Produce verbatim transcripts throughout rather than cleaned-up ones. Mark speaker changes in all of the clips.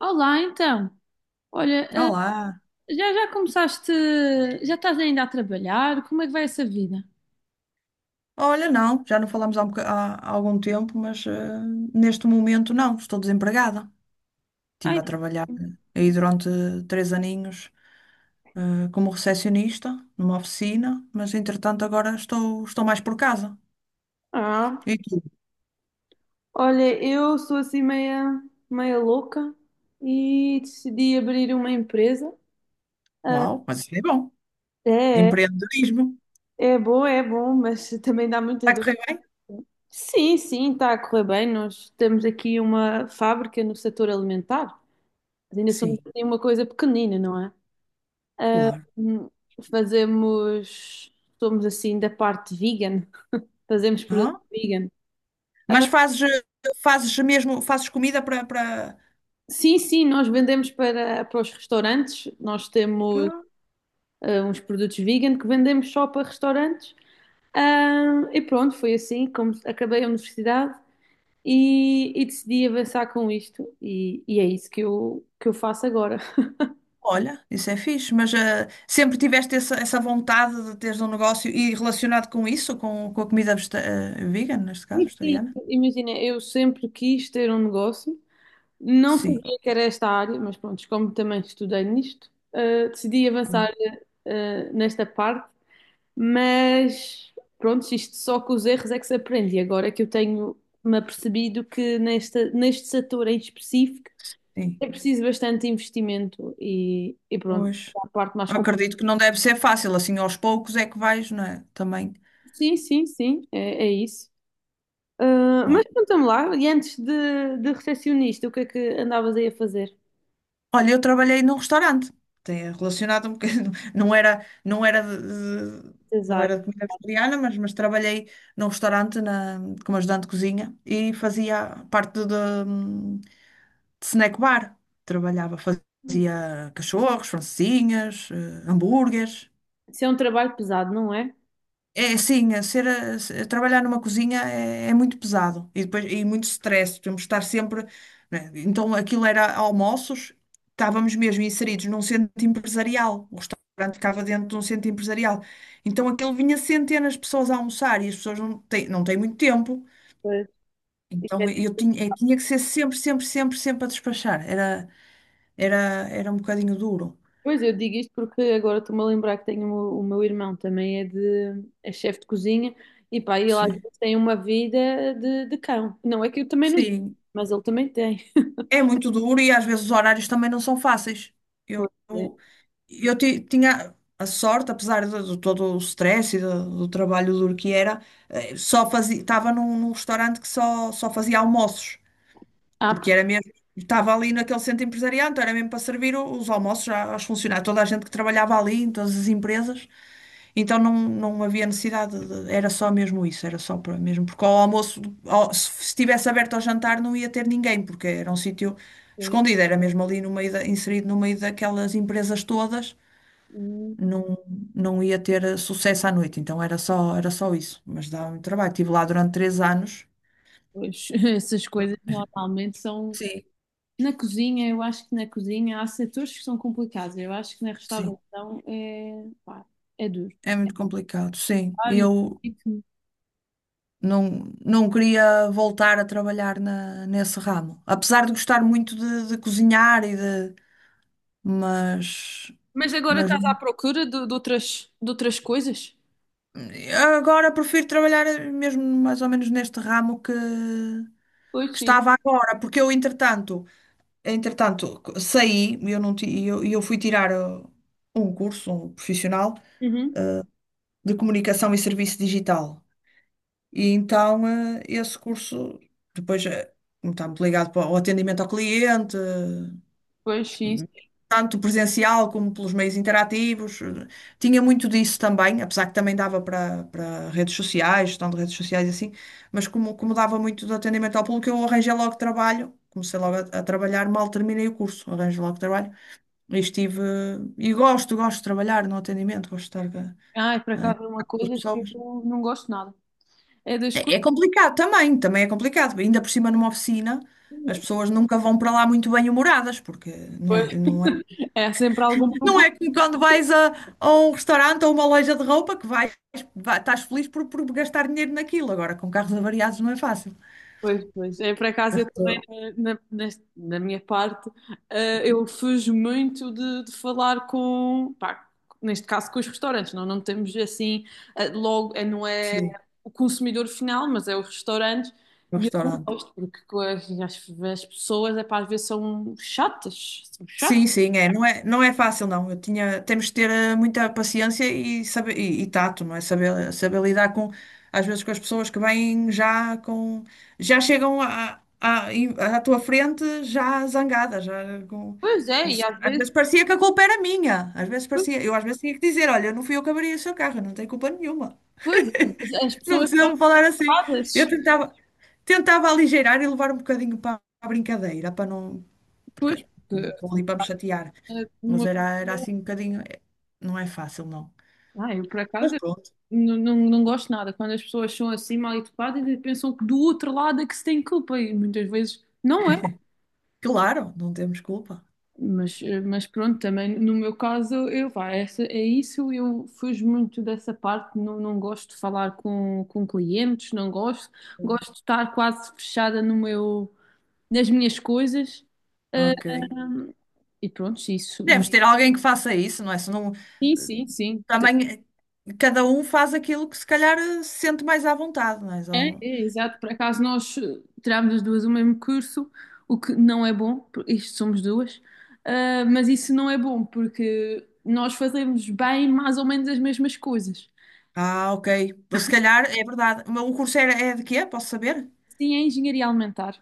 Speaker 1: Olá, então. Olha, eh,
Speaker 2: Olá.
Speaker 1: já já começaste, já estás ainda a trabalhar? Como é que vai essa vida?
Speaker 2: Olha, não, já não falámos há, um boca- há- há algum tempo, mas eh, neste momento não, estou desempregada. Estive
Speaker 1: Ai,
Speaker 2: a trabalhar aí durante três aninhos eh, como recepcionista numa oficina, mas entretanto agora estou, estou mais por casa.
Speaker 1: ah,
Speaker 2: E tu?
Speaker 1: olha, eu sou assim meia, meia louca e decidi abrir uma empresa. Ah,
Speaker 2: Uau, mas isso é bom.
Speaker 1: é,
Speaker 2: Empreendedorismo.
Speaker 1: é bom, é bom, mas também dá
Speaker 2: Está
Speaker 1: muitas
Speaker 2: a
Speaker 1: dúvidas.
Speaker 2: correr bem?
Speaker 1: Sim, sim, está a correr bem. Nós temos aqui uma fábrica no setor alimentar. Mas ainda somos
Speaker 2: Sim,
Speaker 1: assim uma coisa pequenina, não é? Ah,
Speaker 2: claro.
Speaker 1: hum, fazemos, somos assim da parte vegan. Fazemos produto
Speaker 2: Ah,
Speaker 1: vegan.
Speaker 2: mas fazes, eh, fazes mesmo, fazes comida para, para...
Speaker 1: Sim, sim, nós vendemos para, para os restaurantes. Nós temos ah, uns produtos vegan que vendemos só para restaurantes. Ah, e pronto, foi assim como acabei a universidade e, e decidi avançar com isto. E, e é isso que eu, que eu faço agora.
Speaker 2: Olha, isso é fixe, mas eh, sempre tiveste essa, essa vontade de teres um negócio e relacionado com isso, com, com a comida vegeta- eh, vegan, neste caso,
Speaker 1: E sim,
Speaker 2: vegetariana?
Speaker 1: imagina, eu sempre quis ter um negócio. Não
Speaker 2: Sim,
Speaker 1: sabia que era esta área, mas pronto, como também estudei nisto, ah, decidi avançar, ah, nesta parte. Mas pronto, isto só com os erros é que se aprende. E agora que eu tenho me apercebido que nesta, neste setor em específico
Speaker 2: sim,
Speaker 1: é preciso bastante investimento e, e pronto,
Speaker 2: pois.
Speaker 1: a parte mais complicada.
Speaker 2: Acredito que não deve ser fácil, assim aos poucos é que vais, não é? Também.
Speaker 1: Sim, sim, sim, é, é isso. Ah,
Speaker 2: Bom.
Speaker 1: mas conta-me lá, e antes de, de recepcionista, o que é que andavas aí a fazer?
Speaker 2: Olha, eu trabalhei num restaurante, tem relacionado um bocadinho, não era, não era de, de- não
Speaker 1: Design.
Speaker 2: era de comida vegetariana, mas, mas trabalhei num restaurante na, como ajudante de cozinha e fazia parte de, snack bar. Trabalhava, fazia cachorros, francesinhas, eh, hambúrgueres.
Speaker 1: Isso é um trabalho pesado, não é?
Speaker 2: É assim, a ser, a- se- a trabalhar numa cozinha é, é muito pesado e depois e muito stress. Temos de estar sempre. Né? Então aquilo era almoços, estávamos mesmo inseridos num centro empresarial. O restaurante ficava dentro de um centro empresarial. Então aquilo vinha centenas de pessoas a almoçar e as pessoas não têm, não têm muito tempo.
Speaker 1: Pois.
Speaker 2: Então eu tinha, eu tinha que ser sempre, sempre, sempre, sempre a despachar. Era, era, era um bocadinho duro.
Speaker 1: Pois, eu digo isto porque agora estou-me a lembrar que tenho o, o meu irmão também é de é chefe de cozinha e pá, ele às
Speaker 2: Sim.
Speaker 1: vezes tem uma vida de, de cão. Não é que eu também não tenho,
Speaker 2: Sim,
Speaker 1: mas ele também tem.
Speaker 2: é muito duro e às vezes os horários também não são fáceis. Eu,
Speaker 1: Pois é.
Speaker 2: eu, eu ti- tinha a sorte, apesar de, de todo o stress e do, do trabalho duro que era, eh, só fazia, estava num, num restaurante que só, só fazia almoços,
Speaker 1: Ah,
Speaker 2: porque era mesmo, estava ali naquele centro empresarial, então era mesmo para servir o- os almoços já aos funcionários, toda a gente que trabalhava ali, em todas as empresas. Então não, não havia necessidade, de- era só mesmo isso, era só para mesmo, porque ao almoço, ao- se estivesse aberto ao jantar não ia ter ninguém, porque era um sítio
Speaker 1: pois, é.
Speaker 2: escondido, era mesmo ali no meio da- inserido no meio daquelas empresas todas,
Speaker 1: Hum,
Speaker 2: não, não ia ter eh, sucesso à noite, então era só, era só isso, mas dá muito trabalho, estive lá durante três anos,
Speaker 1: pois, essas coisas normalmente são
Speaker 2: sim,
Speaker 1: na cozinha, eu acho que na cozinha há setores que são complicados. Eu acho que na
Speaker 2: sim,
Speaker 1: restauração é, pá, é duro.
Speaker 2: é muito complicado, sim, e
Speaker 1: Vários
Speaker 2: eu
Speaker 1: ritmos.
Speaker 2: não, não queria voltar a trabalhar na, nesse ramo, apesar de gostar muito de, de cozinhar e de mas,
Speaker 1: Mas agora
Speaker 2: mas
Speaker 1: estás à procura de, de outras, de outras coisas?
Speaker 2: agora prefiro trabalhar mesmo mais ou menos neste ramo que,
Speaker 1: Pois
Speaker 2: que
Speaker 1: sim.
Speaker 2: estava agora, porque eu, entretanto, entretanto, saí eu, não ti- e eu, eu fui tirar uh, um curso, um profissional,
Speaker 1: Uhum.
Speaker 2: uh, de comunicação e serviço digital. E então, uh, esse curso, depois, uh, como está muito ligado para o atendimento ao cliente,
Speaker 1: Pois sim.
Speaker 2: tanto presencial como pelos meios interativos. Tinha muito disso também, apesar que também dava para para redes sociais, gestão de redes sociais e assim, mas como, como dava muito do atendimento ao público, eu arranjei logo trabalho. Comecei logo a, a trabalhar, mal terminei o curso, arranjo logo trabalho. E estive. E gosto, gosto de trabalhar no atendimento, gosto de estar
Speaker 1: Ai, por
Speaker 2: eh, em
Speaker 1: acaso é uma
Speaker 2: contato com as
Speaker 1: coisa que
Speaker 2: pessoas.
Speaker 1: eu não gosto nada. É das coisas.
Speaker 2: É, é complicado também, também é complicado. Ainda por cima numa oficina, as pessoas nunca vão para lá muito bem-humoradas, porque não é,
Speaker 1: Pois.
Speaker 2: não
Speaker 1: É sempre algum
Speaker 2: Não
Speaker 1: problema.
Speaker 2: é como quando vais a, a um restaurante ou uma loja de roupa que vais, vai- estás feliz por, por gastar dinheiro naquilo. Agora, com carros avariados não é fácil.
Speaker 1: Pois, pois. É por acaso
Speaker 2: Mas,
Speaker 1: eu também,
Speaker 2: tô-
Speaker 1: na, na, nas- na minha parte, eh, eu fujo muito de, de falar com, pá, neste caso com os restaurantes. Não, não temos assim, eh, logo, eh, não é
Speaker 2: sim,
Speaker 1: o consumidor final, mas é os restaurantes.
Speaker 2: no
Speaker 1: E eu não
Speaker 2: restaurante.
Speaker 1: gosto, porque co- as, as pessoas, é pá, às vezes são chatas. São
Speaker 2: Sim,
Speaker 1: chatas.
Speaker 2: sim, é. Não é, não é fácil, não. Eu tinha, temos de ter eh, muita paciência e, saber, e, e tato, não é? Saber, saber lidar com, às vezes, com as pessoas que vêm já com, já chegam à, à, em- à tua frente já zangadas, já com,
Speaker 1: Pois é,
Speaker 2: como
Speaker 1: e
Speaker 2: se-
Speaker 1: às
Speaker 2: às
Speaker 1: vezes,
Speaker 2: vezes parecia que a culpa era minha. Às vezes
Speaker 1: pois,
Speaker 2: parecia, eu às vezes tinha que dizer, olha, não fui eu que abri o seu carro, eu não tenho culpa nenhuma.
Speaker 1: pois, as
Speaker 2: Não
Speaker 1: pessoas são
Speaker 2: precisa me falar assim.
Speaker 1: ocupadas.
Speaker 2: Eu tentava, tentava aligeirar e levar um bocadinho para a brincadeira, para não,
Speaker 1: Pois,
Speaker 2: que-
Speaker 1: porque,
Speaker 2: vou
Speaker 1: assim,
Speaker 2: ali para me chatear.
Speaker 1: é
Speaker 2: Mas
Speaker 1: uma-
Speaker 2: era, era assim um bocadinho. eh, Não é fácil, não.
Speaker 1: ah, eu por acaso
Speaker 2: Mas pronto,
Speaker 1: não, não, não gosto nada quando as pessoas são assim mal educadas e pensam que do outro lado é que se tem culpa e muitas vezes não é.
Speaker 2: claro, não temos culpa.
Speaker 1: Mas, eh, mas pronto, também no meu caso, eu, vá, essa, é isso, eu fujo muito dessa parte, não, não gosto de falar com, com clientes, não gosto, gosto de estar quase fechada no meu, nas minhas coisas. Eh,
Speaker 2: Ok.
Speaker 1: e pronto, isso.
Speaker 2: Deves ter alguém que faça isso, não é? Se não,
Speaker 1: Sim, sim, sim.
Speaker 2: também eh, cada um faz aquilo que se calhar eh, se sente mais à vontade, não é?
Speaker 1: É,
Speaker 2: Só-
Speaker 1: é, exato. Por acaso nós eh, tirámos as duas o mesmo curso, o que não é bom, porque isto somos duas. Ah, mas isso não é bom porque nós fazemos bem mais ou menos as mesmas coisas.
Speaker 2: Ah, ok. Se calhar é verdade. Mas o curso era, é de quê? Posso saber?
Speaker 1: Sim, é engenharia alimentar.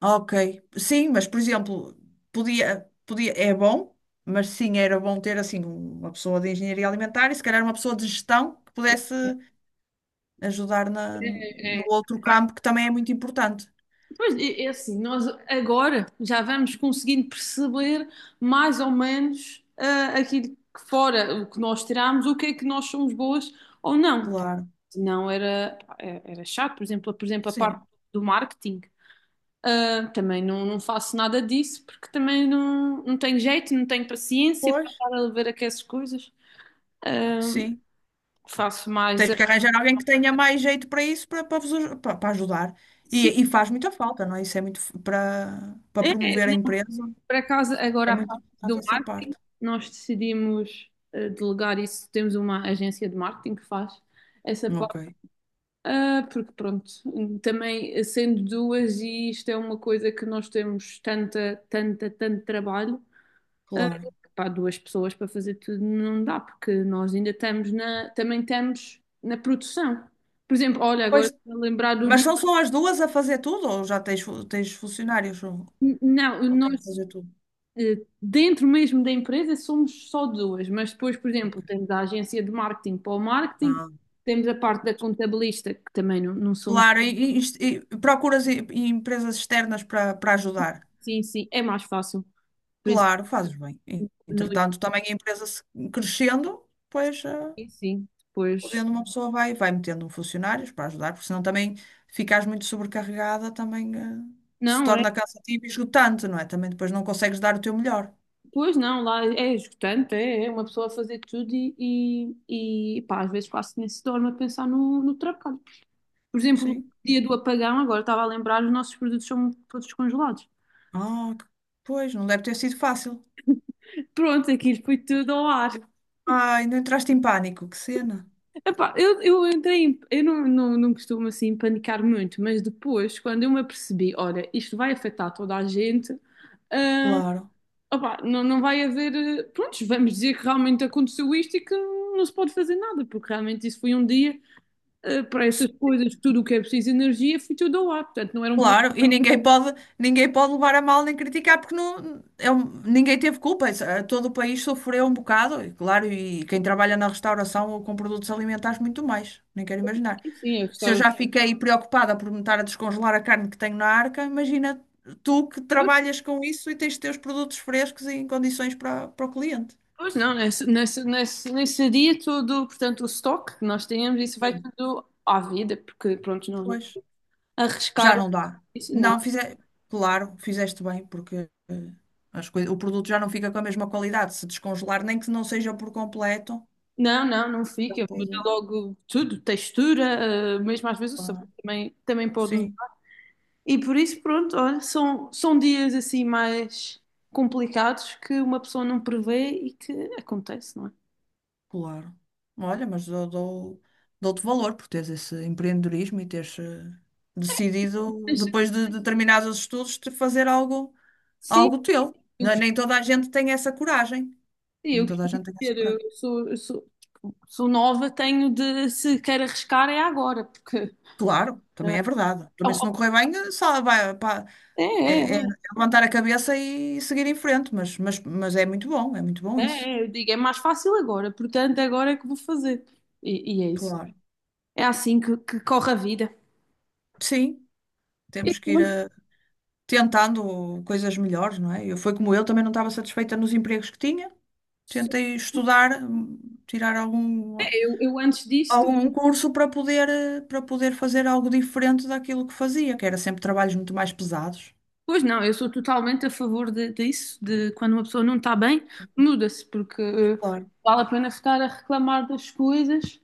Speaker 2: Ok. Sim, mas por exemplo, podia, podia, é bom, mas sim, era bom ter assim uma pessoa de engenharia alimentar e se calhar uma pessoa de gestão que pudesse. Ajudar na,
Speaker 1: É,
Speaker 2: no
Speaker 1: é.
Speaker 2: outro campo que também é muito importante.
Speaker 1: Pois é, é assim, nós agora já vamos conseguindo perceber mais ou menos ah, aquilo que fora, o que nós tiramos, o que é que nós somos boas ou não.
Speaker 2: Claro,
Speaker 1: Não era, é, era chato, por exemplo, por exemplo, a parte
Speaker 2: sim.
Speaker 1: do marketing. Ah, também não, não faço nada disso porque também não, não tenho jeito, não tenho paciência para
Speaker 2: Pois,
Speaker 1: estar a ver aquelas coisas. Ah,
Speaker 2: sim.
Speaker 1: faço mais.
Speaker 2: Tens
Speaker 1: A-
Speaker 2: que arranjar alguém que tenha mais jeito para isso, para, para, vos aj- para- para ajudar.
Speaker 1: Sim,
Speaker 2: E, e faz muita falta, não é? Isso é muito f- para, para
Speaker 1: é,
Speaker 2: promover a
Speaker 1: não,
Speaker 2: empresa.
Speaker 1: por acaso,
Speaker 2: É
Speaker 1: agora a
Speaker 2: muito
Speaker 1: parte
Speaker 2: importante
Speaker 1: do
Speaker 2: essa
Speaker 1: marketing,
Speaker 2: parte.
Speaker 1: nós decidimos ah, delegar isso. Temos uma agência de marketing que faz essa parte.
Speaker 2: Ok,
Speaker 1: Ah, porque pronto, também sendo duas, e isto é uma coisa que nós temos tanta, tanta, tanto trabalho. Ah,
Speaker 2: claro.
Speaker 1: pá, duas pessoas para fazer tudo não dá, porque nós ainda estamos na, também estamos na produção. Por exemplo, olha,
Speaker 2: Pois,
Speaker 1: agora estou a lembrar do
Speaker 2: mas
Speaker 1: dia,
Speaker 2: são só as duas a fazer tudo ou já tens, fu- tens funcionários ou,
Speaker 1: não,
Speaker 2: ou tens que
Speaker 1: nós
Speaker 2: fazer tudo?
Speaker 1: eh, dentro mesmo da empresa somos só duas, mas depois, por exemplo,
Speaker 2: Ok.
Speaker 1: temos a agência de marketing para o marketing,
Speaker 2: Ah,
Speaker 1: temos a parte da contabilista, que também não, não somos,
Speaker 2: claro, e, e- e procuras e- e empresas externas para, para ajudar.
Speaker 1: sim, sim, é mais fácil. Por isso,
Speaker 2: Claro, fazes bem. E,
Speaker 1: no
Speaker 2: entretanto, também a empresa se- crescendo, pois, eh,
Speaker 1: início, sim, depois,
Speaker 2: podendo uma pessoa vai, vai metendo funcionários para ajudar, porque senão também ficares muito sobrecarregada, também, eh, se
Speaker 1: não, é.
Speaker 2: torna cansativo e esgotante, não é? Também depois não consegues dar o teu melhor.
Speaker 1: Pois não, lá é esgotante, é, é uma pessoa a fazer tudo e, e, e, pá, às vezes quase nem se dorme a pensar no, no trabalho. Por exemplo, o
Speaker 2: Sim.
Speaker 1: dia do apagão, agora estava a lembrar, os nossos produtos são todos congelados.
Speaker 2: Ah, que- pois, não deve ter sido fácil.
Speaker 1: Pronto, aquilo foi tudo ao ar.
Speaker 2: Ai, não entraste em pânico, que cena.
Speaker 1: Epá, eu, eu entrei, em- eu não, não, não costumo assim panicar muito, mas depois, quando eu me apercebi, olha, isto vai afetar toda a gente, ah,
Speaker 2: Claro.
Speaker 1: opá, não, não vai haver, eh, prontos, vamos dizer que realmente aconteceu isto e que não se pode fazer nada, porque realmente isso foi um dia. Eh, para essas coisas, tudo o que é preciso de energia, foi tudo ao ar. Portanto, não era um problema.
Speaker 2: Claro, e ninguém pode, ninguém pode levar a mal nem criticar, porque não, é um- ninguém teve culpa. Isso, eh, todo o país sofreu um bocado, e claro, e quem trabalha na restauração ou com produtos alimentares, muito mais. Nem quero imaginar.
Speaker 1: Sim, eu
Speaker 2: Se eu
Speaker 1: gostava.
Speaker 2: já fiquei preocupada por me estar a descongelar a carne que tenho na arca, imagina tu que
Speaker 1: Pois,
Speaker 2: trabalhas com isso e tens de ter os produtos frescos e em condições para, para o cliente.
Speaker 1: pois não, nesse, nesse, nesse, nesse dia todo, portanto, o estoque que nós temos, isso vai
Speaker 2: Sim.
Speaker 1: tudo à vida, porque, pronto, não, não
Speaker 2: Pois. Já
Speaker 1: arriscar
Speaker 2: não dá.
Speaker 1: isso, não.
Speaker 2: Não, fize... claro, fizeste bem, porque eh, as coisas... o produto já não fica com a mesma qualidade. Se descongelar, nem que não seja por completo.
Speaker 1: Não, não, não
Speaker 2: Já
Speaker 1: fica. Muda
Speaker 2: pode-
Speaker 1: logo tudo, textura, eh, mesmo às vezes o sabor
Speaker 2: Ah,
Speaker 1: também, também pode
Speaker 2: sim,
Speaker 1: mudar. E por isso, pronto, olha, são, são dias assim mais complicados que uma pessoa não prevê e que acontece, não é?
Speaker 2: claro. Olha, mas eu dou, dou-te valor por teres esse empreendedorismo e teres eh, decidido,
Speaker 1: Mas,
Speaker 2: depois de determinados estudos, de fazer algo,
Speaker 1: sim,
Speaker 2: algo teu. Não- é? Nem toda a gente tem essa coragem.
Speaker 1: sim,
Speaker 2: Nem
Speaker 1: eu
Speaker 2: toda a
Speaker 1: costumo
Speaker 2: gente tem essa
Speaker 1: dizer,
Speaker 2: coragem.
Speaker 1: eu sou, eu sou, sou nova, tenho de, se quer arriscar, é agora, porque
Speaker 2: Claro,
Speaker 1: eh,
Speaker 2: também é verdade. Também se não correr bem, eh, só vai, pá,
Speaker 1: é, é,
Speaker 2: é, é é levantar a cabeça e seguir em frente, mas, mas, mas é muito bom, é muito bom
Speaker 1: é,
Speaker 2: isso.
Speaker 1: é, eu digo, é mais fácil agora, portanto, agora é que vou fazer. E, e é isso.
Speaker 2: Claro.
Speaker 1: É assim que, que corre a vida.
Speaker 2: Sim,
Speaker 1: E
Speaker 2: temos que ir
Speaker 1: pronto,
Speaker 2: eh, tentando coisas melhores, não é? Eu, foi como eu, também não estava satisfeita nos empregos que tinha. Tentei estudar, hum, tirar algum,
Speaker 1: Eu, eu antes disto,
Speaker 2: algum curso para poder, eh, para poder fazer algo diferente daquilo que fazia, que era sempre trabalhos muito mais pesados.
Speaker 1: pois não, eu sou totalmente a favor de, disso, de quando uma pessoa não está bem, muda-se, porque eh,
Speaker 2: Claro,
Speaker 1: vale a pena ficar a reclamar das coisas.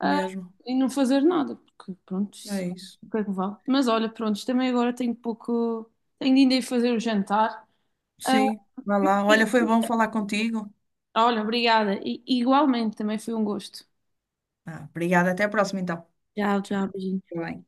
Speaker 1: Ah,
Speaker 2: mesmo.
Speaker 1: e não fazer nada, porque pronto, isso-
Speaker 2: É isso.
Speaker 1: é o que é que vale? Mas olha, pronto, também agora tenho pouco, tenho de ainda ir fazer o jantar. Ah,
Speaker 2: Sim, vai lá. Olha, foi bom falar contigo.
Speaker 1: olha, obrigada. E, igualmente, também foi um gosto.
Speaker 2: Ah, obrigada, até a próxima então.
Speaker 1: Tchau,
Speaker 2: Tchau.
Speaker 1: tchau, beijinho.
Speaker 2: Tá bem.